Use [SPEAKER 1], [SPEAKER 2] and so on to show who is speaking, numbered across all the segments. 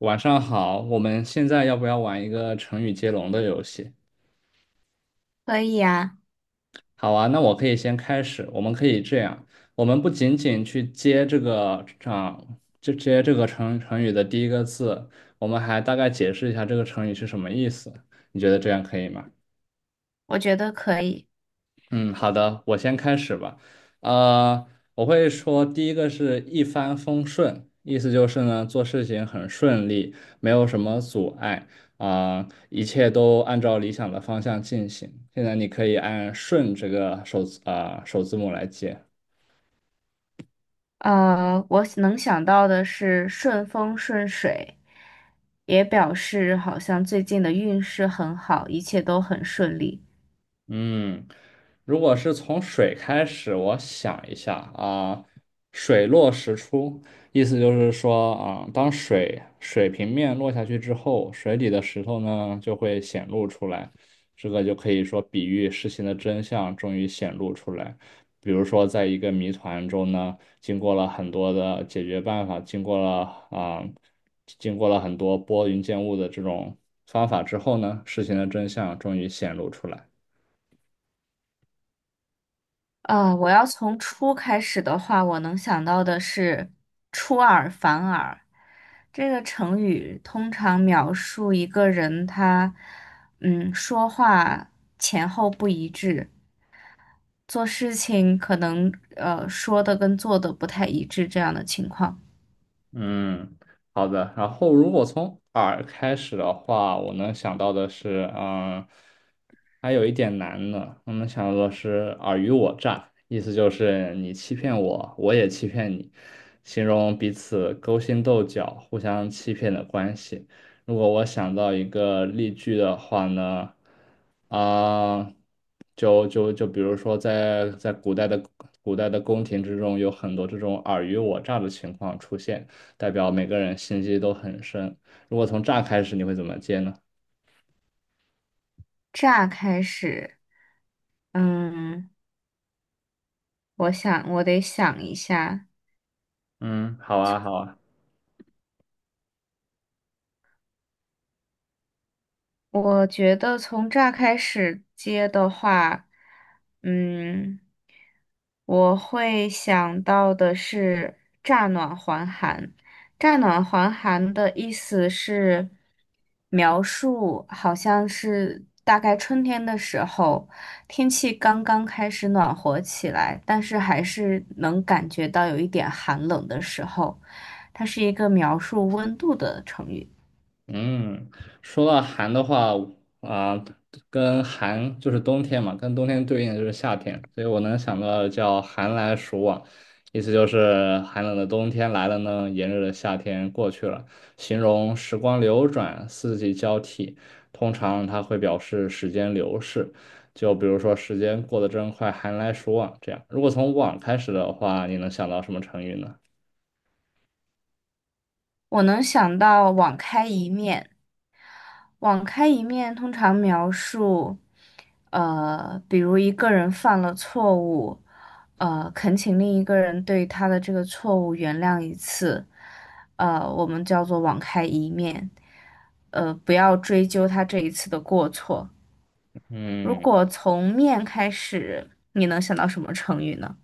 [SPEAKER 1] 晚上好，我们现在要不要玩一个成语接龙的游戏？
[SPEAKER 2] 可以呀，
[SPEAKER 1] 好啊，那我可以先开始。我们可以这样，我们不仅仅去接这个啊，就接这个成语的第一个字，我们还大概解释一下这个成语是什么意思。你觉得这样可以吗？
[SPEAKER 2] 我觉得可以。
[SPEAKER 1] 嗯，好的，我先开始吧。呃，我会说第一个是一帆风顺，意思就是呢，做事情很顺利，没有什么阻碍啊，一切都按照理想的方向进行。现在你可以按"顺"这个首字母来接。
[SPEAKER 2] 我能想到的是顺风顺水，也表示好像最近的运势很好，一切都很顺利。
[SPEAKER 1] 嗯，如果是从水开始，我想一下啊，水落石出，意思就是说啊，当水平面落下去之后，水里的石头呢就会显露出来，这个就可以说比喻事情的真相终于显露出来。比如说，在一个谜团中呢，经过了很多的解决办法，经过了很多拨云见雾的这种方法之后呢，事情的真相终于显露出来。
[SPEAKER 2] 我要从初开始的话，我能想到的是出尔反尔。这个成语通常描述一个人他，说话前后不一致，做事情可能说的跟做的不太一致这样的情况。
[SPEAKER 1] 嗯，好的。然后如果从耳开始的话，我能想到的是，嗯，还有一点难呢。我们想到的是尔虞我诈，意思就是你欺骗我，我也欺骗你，形容彼此勾心斗角、互相欺骗的关系。如果我想到一个例句的话呢，啊、就比如说在古代的宫廷之中，有很多这种尔虞我诈的情况出现。代表每个人心机都很深。如果从这儿开始，你会怎么接呢？
[SPEAKER 2] 乍开始，嗯，我想我得想一下。
[SPEAKER 1] 嗯，好啊，好啊。
[SPEAKER 2] 我觉得从乍开始接的话，嗯。我会想到的是乍暖还寒。乍暖还寒的意思是描述，好像是大概春天的时候，天气刚刚开始暖和起来，但是还是能感觉到有一点寒冷的时候，它是一个描述温度的成语。
[SPEAKER 1] 嗯，说到寒的话，啊、跟寒就是冬天嘛，跟冬天对应的就是夏天，所以我能想到的叫寒来暑往，意思就是寒冷的冬天来了呢，炎热的夏天过去了，形容时光流转，四季交替，通常它会表示时间流逝，就比如说时间过得真快，寒来暑往这样。如果从往开始的话，你能想到什么成语呢？
[SPEAKER 2] 我能想到网开一面。网开一面通常描述，比如一个人犯了错误，恳请另一个人对他的这个错误原谅一次，我们叫做网开一面，不要追究他这一次的过错。如
[SPEAKER 1] 嗯。
[SPEAKER 2] 果从面开始，你能想到什么成语呢？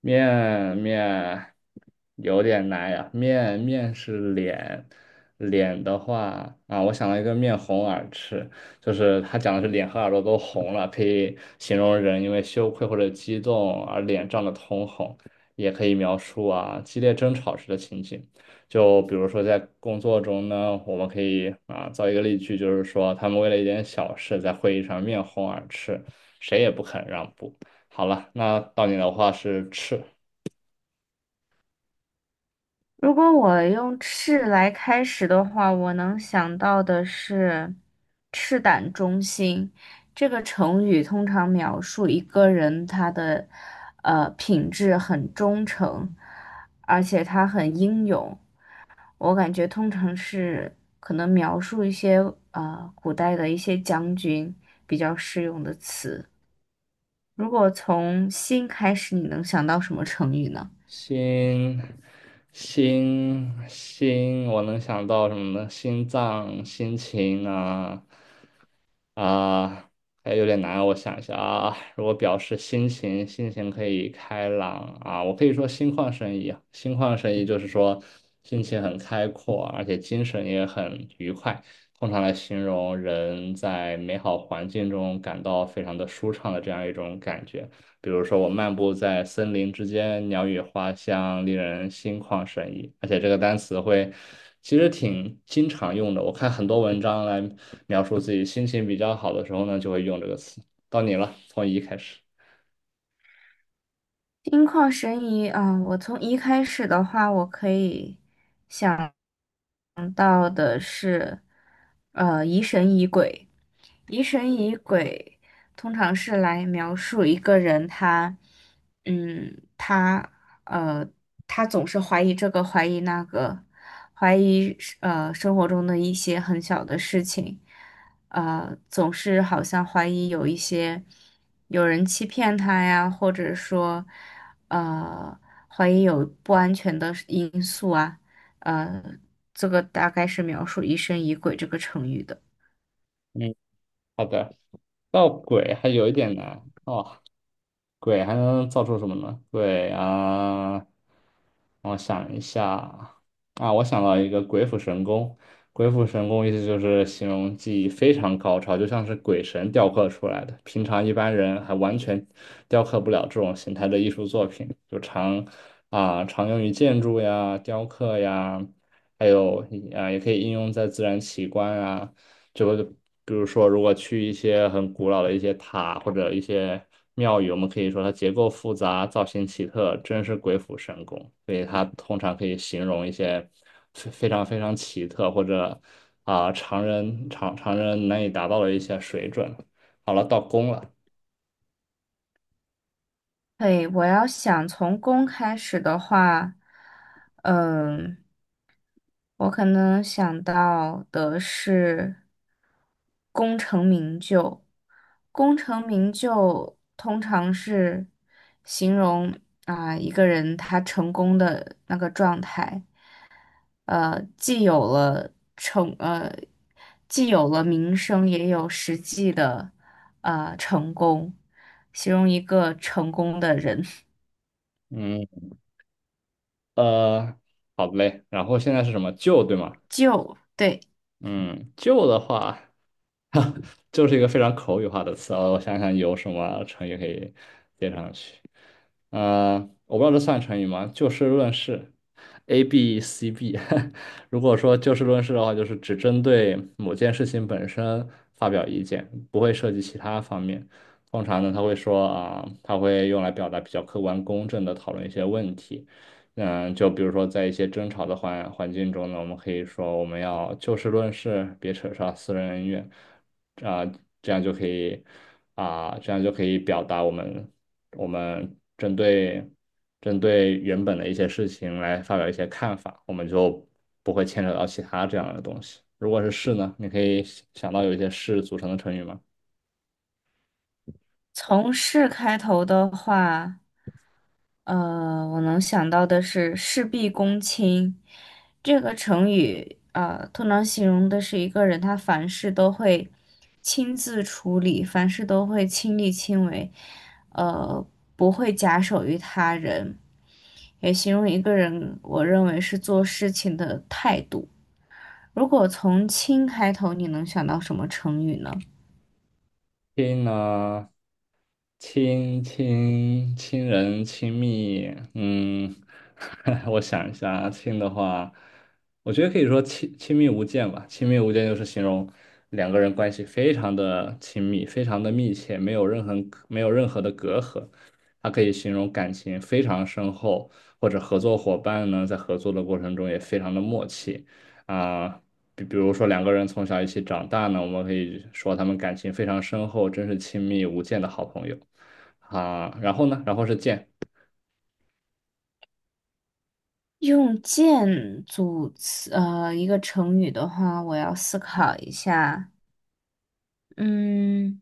[SPEAKER 1] 面有点难呀，面是脸，脸的话啊，我想到一个面红耳赤，就是他讲的是脸和耳朵都红了，可以形容人因为羞愧或者激动而脸涨得通红，也可以描述啊激烈争吵时的情景。就比如说在工作中呢，我们可以啊造一个例句，就是说他们为了一点小事在会议上面红耳赤，谁也不肯让步。好了，那到你的话是赤，
[SPEAKER 2] 如果我用赤来开始的话，我能想到的是“赤胆忠心”这个成语，通常描述一个人他的品质很忠诚，而且他很英勇。我感觉通常是可能描述一些古代的一些将军比较适用的词。如果从“心”开始，你能想到什么成语呢？
[SPEAKER 1] 心，心，我能想到什么呢？心脏、心情啊啊，还有点难啊，我想一下啊。如果表示心情，心情可以开朗啊，我可以说心旷神怡啊心旷神怡就是说心情很开阔，而且精神也很愉快，通常来形容人在美好环境中感到非常的舒畅的这样一种感觉。比如说，我漫步在森林之间，鸟语花香，令人心旷神怡。而且这个单词会其实挺经常用的，我看很多文章来描述自己心情比较好的时候呢，就会用这个词。到你了，从一开始。
[SPEAKER 2] 心旷神怡啊，我从一开始的话，我可以想想到的是，疑神疑鬼。疑神疑鬼通常是来描述一个人他，嗯，他呃，他总是怀疑这个，怀疑那个，怀疑生活中的一些很小的事情，总是好像怀疑有一些有人欺骗他呀，或者说，呃，怀疑有不安全的因素啊。呃，这个大概是描述疑神疑鬼这个成语的。
[SPEAKER 1] 嗯，好的。造鬼还有一点难哦，鬼还能造出什么呢？鬼啊，我想一下啊，我想到一个鬼斧神工。鬼斧神工意思就是形容技艺非常高超，就像是鬼神雕刻出来的，平常一般人还完全雕刻不了这种形态的艺术作品，就常用于建筑呀、雕刻呀，还有啊也可以应用在自然奇观啊。就比如说，如果去一些很古老的一些塔或者一些庙宇，我们可以说它结构复杂、造型奇特，真是鬼斧神工。所以它通常可以形容一些非常奇特或者常人难以达到的一些水准。好了，到宫了，
[SPEAKER 2] 对，我要想从公开始的话，嗯，我可能想到的是功成名就。功成名就通常是形容一个人他成功的那个状态。呃，既有了成呃，既有了名声，也有实际的成功，形容一个成功的人。
[SPEAKER 1] 嗯呃，好嘞。然后现在是什么旧对吗？
[SPEAKER 2] 就对，
[SPEAKER 1] 嗯，旧的话。就是一个非常口语化的词啊。我想想有什么成语可以接上去。嗯，我不知道这算成语吗？就事论事，A B C B。如果说就事论事的话，就是只针对某件事情本身发表意见，不会涉及其他方面。通常呢，他会用来表达比较客观公正的讨论一些问题。嗯，就比如说在一些争吵的环境中呢，我们可以说我们要就事论事，别扯上私人恩怨，啊、这样就可以这样就可以表达我们针对原本的一些事情来发表一些看法，我们就不会牵扯到其他这样的东西。如果是事呢，你可以想到有一些事组成的成语吗？
[SPEAKER 2] 从事开头的话，我能想到的是事必躬亲这个成语，通常形容的是一个人他凡事都会亲自处理，凡事都会亲力亲为，呃，不会假手于他人。也形容一个人，我认为是做事情的态度。如果从“轻”开头，你能想到什么成语呢？
[SPEAKER 1] 亲呢，亲人亲密，嗯，我想一下啊，亲的话，我觉得可以说亲密无间吧。亲密无间就是形容两个人关系非常的亲密，非常的密切，没有任何的隔阂。它可以形容感情非常深厚，或者合作伙伴呢在合作的过程中也非常的默契啊。比如说两个人从小一起长大呢，我们可以说他们感情非常深厚，真是亲密无间的好朋友啊。然后呢，然后是见
[SPEAKER 2] 用“剑”组词，一个成语的话，我要思考一下。嗯，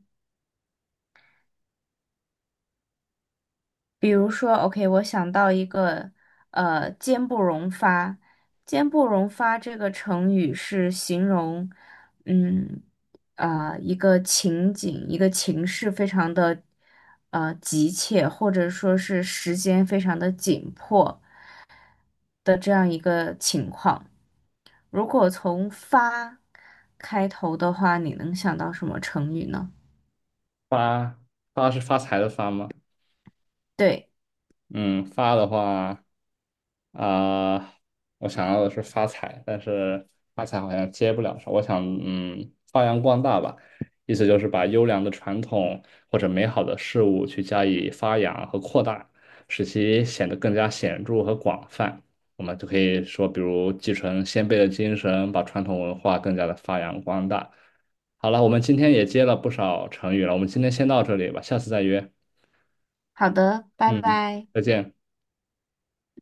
[SPEAKER 2] 比如说，OK，我想到一个，“坚不容发”。“坚不容发”这个成语是形容，嗯，一个情景、一个情势非常的，急切，或者说是时间非常的紧迫的这样一个情况。如果从“发”开头的话，你能想到什么成语呢？
[SPEAKER 1] 发发是发财的发吗？
[SPEAKER 2] 对，
[SPEAKER 1] 嗯，发的话啊、我想要的是发财，但是发财好像接不了手我想，嗯，发扬光大吧，意思就是把优良的传统或者美好的事物去加以发扬和扩大，使其显得更加显著和广泛。我们就可以说，比如继承先辈的精神，把传统文化更加的发扬光大。好了，我们今天也接了不少成语了，我们今天先到这里吧，下次再约。
[SPEAKER 2] 好的，拜
[SPEAKER 1] 嗯，
[SPEAKER 2] 拜。
[SPEAKER 1] 再见。